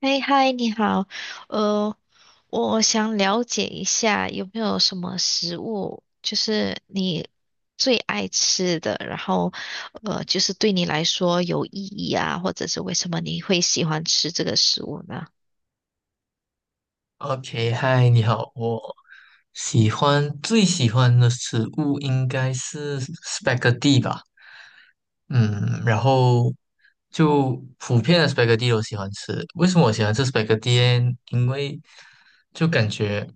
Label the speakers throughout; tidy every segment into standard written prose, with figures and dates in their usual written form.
Speaker 1: 哎，嗨，你好，呃，我想了解一下有没有什么食物，就是你最爱吃的，就是对你来说有意义啊，或者是为什么你会喜欢吃这个食物呢？
Speaker 2: OK，嗨，你好，我最喜欢的食物应该是 spaghetti 吧，嗯，然后就普遍的 spaghetti 都喜欢吃。为什么我喜欢吃 spaghetti？呢因为就感觉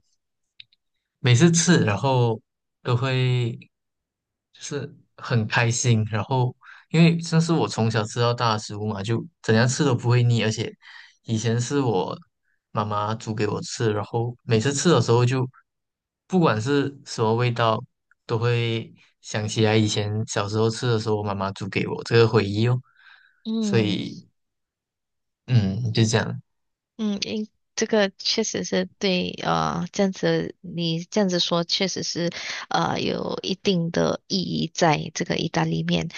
Speaker 2: 每次吃，然后都会就是很开心，然后因为这是我从小吃到大的食物嘛，就怎样吃都不会腻，而且以前是我妈妈煮给我吃，然后每次吃的时候就不管是什么味道，都会想起来以前小时候吃的时候，我妈妈煮给我这个回忆哦，所
Speaker 1: 嗯
Speaker 2: 以嗯，就这样，
Speaker 1: 嗯，诶这个确实是对，这样子你这样子说，确实是，有一定的意义在这个意大利面。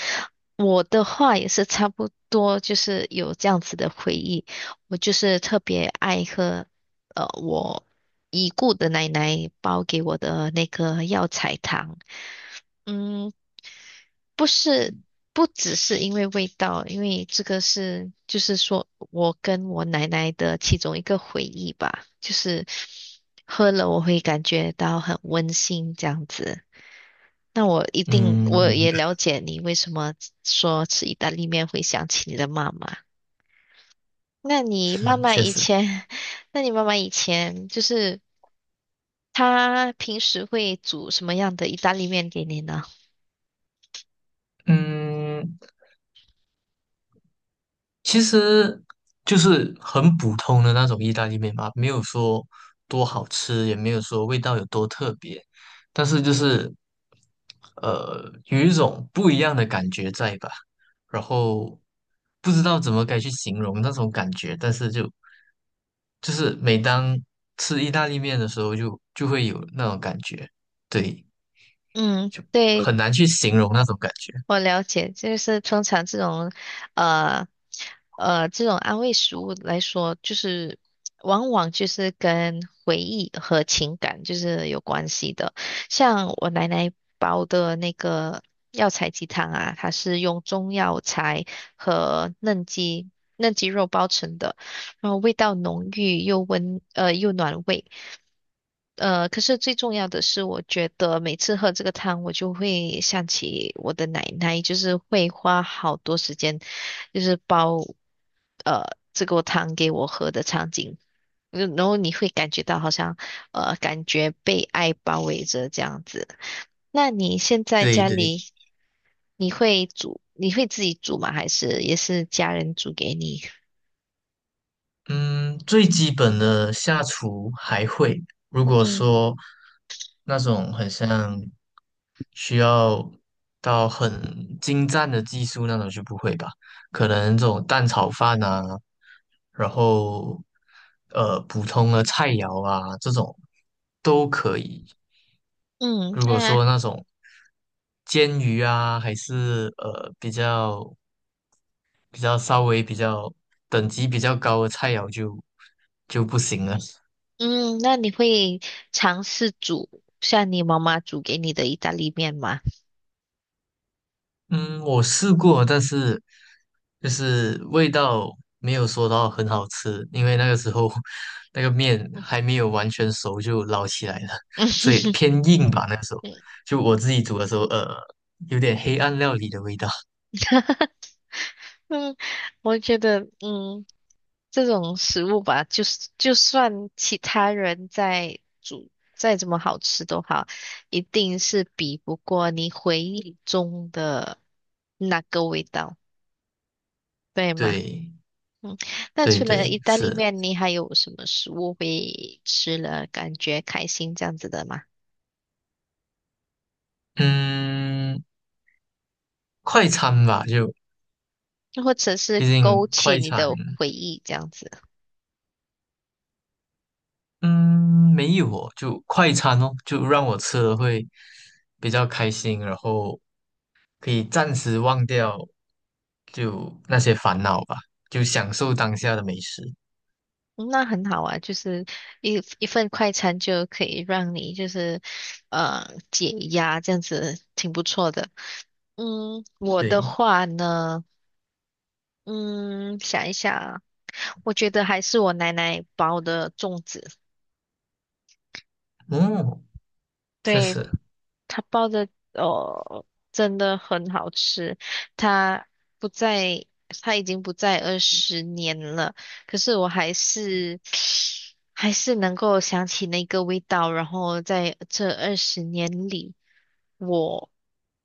Speaker 1: 我的话也是差不多，就是有这样子的回忆。我就是特别爱喝，我已故的奶奶包给我的那个药材汤。嗯，不是，不只是因为味道，因为这个是，就是说我跟我奶奶的其中一个回忆吧，就是喝了我会感觉到很温馨这样子。那我一定，
Speaker 2: 嗯，
Speaker 1: 我
Speaker 2: 明
Speaker 1: 也
Speaker 2: 白
Speaker 1: 了解你为什么说吃意大利面会想起你的妈妈。那你妈
Speaker 2: 嗯
Speaker 1: 妈
Speaker 2: 确
Speaker 1: 以
Speaker 2: 实，
Speaker 1: 前，那你妈妈以前就是她平时会煮什么样的意大利面给你呢？
Speaker 2: 嗯。其实就是很普通的那种意大利面吧，没有说多好吃，也没有说味道有多特别，但是就是有一种不一样的感觉在吧，然后不知道怎么该去形容那种感觉，但是就是每当吃意大利面的时候就，就会有那种感觉，对，
Speaker 1: 嗯，
Speaker 2: 就
Speaker 1: 对。
Speaker 2: 很难去形容那种感觉，
Speaker 1: 我了解，就是通常这种，呃，这种安慰食物来说，就是往往就是跟回忆和情感就是有关系的。像我奶奶煲的那个药材鸡汤啊，它是用中药材和嫩鸡肉包成的，然后味道浓郁又温，又暖胃。呃，可是最重要的是，我觉得每次喝这个汤，我就会想起我的奶奶，就是会花好多时间，就是煲呃这个汤给我喝的场景。嗯然后你会感觉到好像感觉被爱包围着这样子。那你现在
Speaker 2: 对
Speaker 1: 家
Speaker 2: 对。
Speaker 1: 里
Speaker 2: 对。
Speaker 1: 你会自己煮吗？还是也是家人煮给你？
Speaker 2: 嗯，最基本的下厨还会。如果
Speaker 1: 嗯。
Speaker 2: 说那种很像需要到很精湛的技术那种就不会吧，可能这种蛋炒饭啊，然后普通的菜肴啊这种都可以。
Speaker 1: 嗯，
Speaker 2: 如果
Speaker 1: 那
Speaker 2: 说那种煎鱼啊，还是比较。比较稍微比较等级比较高的菜肴就不行了。
Speaker 1: 嗯，那你会尝试煮像你妈妈煮给你的意大利面吗？
Speaker 2: 嗯，我试过，但是就是味道没有说到很好吃，因为那个时候 那个面还没有完全熟就捞起来了，
Speaker 1: 嗯
Speaker 2: 所以 偏硬吧。那个时候就我自己煮的时候，有点黑暗料理的味道。
Speaker 1: 嗯，我觉得这种食物吧，就是就算其他人在煮再怎么好吃都好，一定是比不过你回忆中的那个味道，对吗？
Speaker 2: 对，
Speaker 1: 嗯，那
Speaker 2: 对
Speaker 1: 除了
Speaker 2: 对，
Speaker 1: 意大利
Speaker 2: 是，
Speaker 1: 面，你还有什么食物会吃了感觉开心这样子的吗？
Speaker 2: 嗯，快餐吧，就
Speaker 1: 或者是
Speaker 2: 毕
Speaker 1: 勾
Speaker 2: 竟
Speaker 1: 起
Speaker 2: 快
Speaker 1: 你
Speaker 2: 餐。
Speaker 1: 的回忆这样子，
Speaker 2: 嗯，没有哦，就快餐哦，就让我吃了会比较开心，然后可以暂时忘掉就那些烦恼吧，就享受当下的美食。
Speaker 1: 嗯那很好啊。就是一份快餐就可以让你就是解压，这样子挺不错的。嗯，我的
Speaker 2: 对，
Speaker 1: 话呢，嗯，想一想啊，我觉得还是我奶奶包的粽子。
Speaker 2: 嗯，确
Speaker 1: 对，
Speaker 2: 实，
Speaker 1: 它包的哦，真的很好吃。它不在，它已经不在二十年了，可是我还是 还是能够想起那个味道。然后在这二十年里，我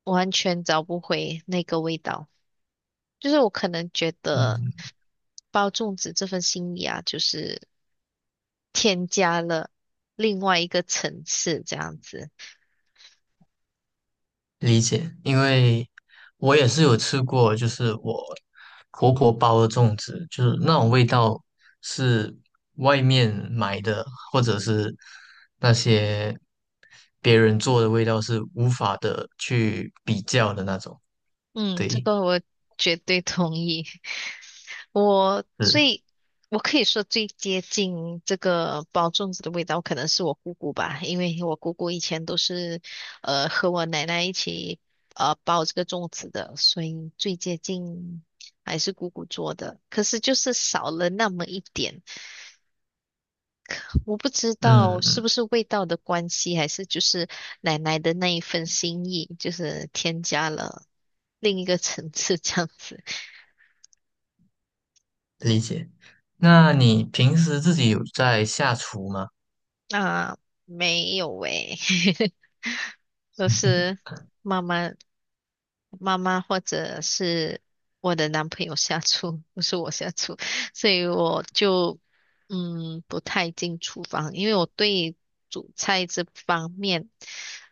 Speaker 1: 完全找不回那个味道。就是我可能觉得
Speaker 2: 嗯，
Speaker 1: 包粽子这份心意啊，就是添加了另外一个层次这样子。
Speaker 2: 理解，因为我也是有吃过，就是我婆婆包的粽子，就是那种味道是外面买的，或者是那些别人做的味道是无法的去比较的那种。
Speaker 1: 嗯，这
Speaker 2: 对，
Speaker 1: 个我绝对同意。我
Speaker 2: 是，
Speaker 1: 最，我可以说最接近这个包粽子的味道，可能是我姑姑吧，因为我姑姑以前都是，和我奶奶一起，包这个粽子的，所以最接近还是姑姑做的。可是就是少了那么一点，我不知道
Speaker 2: 嗯，
Speaker 1: 是
Speaker 2: 嗯
Speaker 1: 不是味道的关系，还是就是奶奶的那一份心意，就是添加了另一个层次这样子。
Speaker 2: 理解。那你平时自己有在下厨吗？
Speaker 1: 啊，没有诶，都是妈妈、妈妈或者是我的男朋友下厨，不是我下厨，所以我就嗯不太进厨房，因为我对煮菜这方面，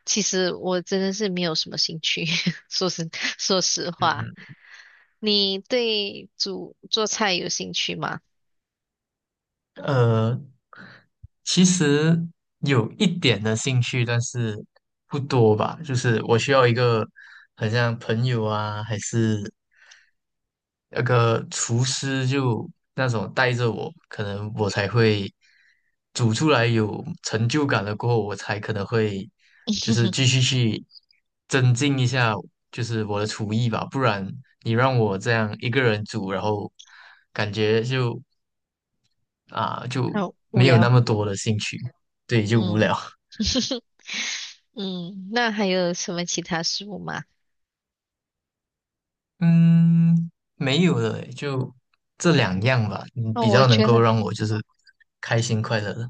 Speaker 1: 其实我真的是没有什么兴趣，说实说实话，
Speaker 2: 嗯
Speaker 1: 你对煮做菜有兴趣吗？
Speaker 2: 呃，其实有一点的兴趣，但是不多吧。就是我需要一个很像朋友啊，还是那个厨师，就那种带着我，可能我才会煮出来有成就感了过后，我才可能会就是继续去增进一下，就是我的厨艺吧。不然你让我这样一个人煮，然后感觉就啊，就
Speaker 1: 好无
Speaker 2: 没有
Speaker 1: 聊，
Speaker 2: 那么多的兴趣，对，就无
Speaker 1: 嗯。
Speaker 2: 聊。
Speaker 1: 嗯，那还有什么其他食物吗？
Speaker 2: 嗯，没有了诶就这两样吧，嗯，
Speaker 1: 哦，
Speaker 2: 比较能够让我就是开心快乐的。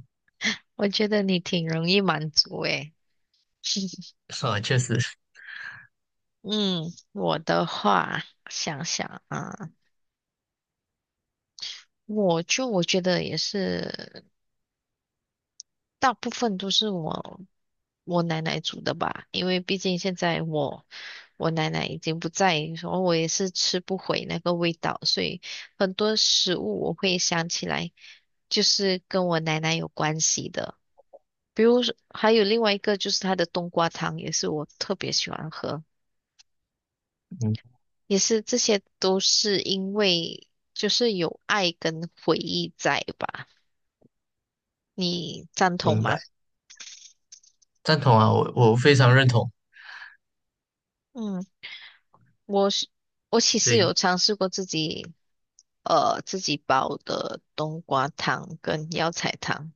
Speaker 1: 我觉得你挺容易满足诶。
Speaker 2: 啊，确实，
Speaker 1: 嗯，我的话，想想啊，我觉得也是，大部分都是我奶奶煮的吧，因为毕竟现在我奶奶已经不在，然后我也是吃不回那个味道，所以很多食物我会想起来，就是跟我奶奶有关系的。比如说还有另外一个就是它的冬瓜汤，也是我特别喜欢喝，
Speaker 2: 嗯，
Speaker 1: 也是这些都是因为就是有爱跟回忆在吧，你赞同
Speaker 2: 明白，
Speaker 1: 吗？
Speaker 2: 赞同啊，我非常认同。
Speaker 1: 嗯，我是我其实
Speaker 2: 对，
Speaker 1: 有尝试过自己自己煲的冬瓜汤跟药材汤，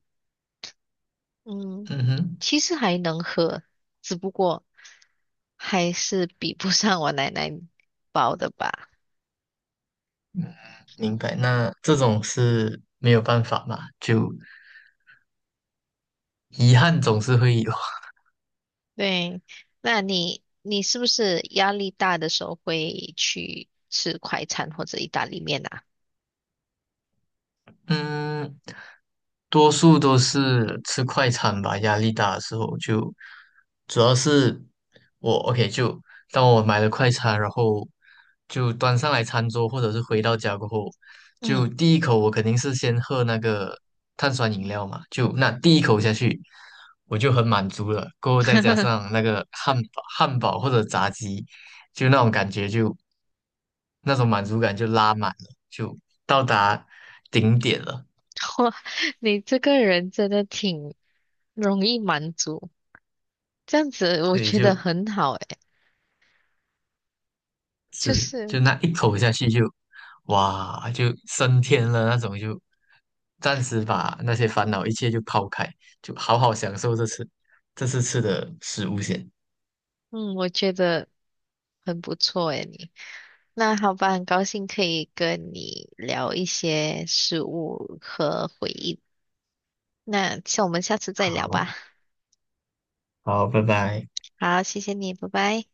Speaker 1: 嗯，
Speaker 2: 嗯哼，
Speaker 1: 其实还能喝，只不过还是比不上我奶奶煲的吧。
Speaker 2: 明白。那这种是没有办法嘛，就遗憾总是会有。
Speaker 1: 对，那你是不是压力大的时候会去吃快餐或者意大利面啊？
Speaker 2: 嗯，多数都是吃快餐吧，压力大的时候就，主要是我 OK 就当我买了快餐，然后就端上来餐桌，或者是回到家过后，就
Speaker 1: 嗯，
Speaker 2: 第一口我肯定是先喝那个碳酸饮料嘛，就那第一口下去我就很满足了，过后再加 上那个汉堡、汉堡或者炸鸡，就那种感觉就那种满足感就拉满了，就到达顶点了。
Speaker 1: 哇，你这个人真的挺容易满足，这样子我
Speaker 2: 对，
Speaker 1: 觉得
Speaker 2: 就
Speaker 1: 很好诶，就
Speaker 2: 是
Speaker 1: 是
Speaker 2: 就那一口下去就，哇，就升天了那种就，暂时把那些烦恼一切就抛开，就好好享受这次吃的食物先。
Speaker 1: 嗯，我觉得很不错诶，你。那好吧，很高兴可以跟你聊一些事物和回忆。那像我们下次再聊
Speaker 2: 好，
Speaker 1: 吧。
Speaker 2: 好，拜拜。
Speaker 1: 好，谢谢你，拜拜。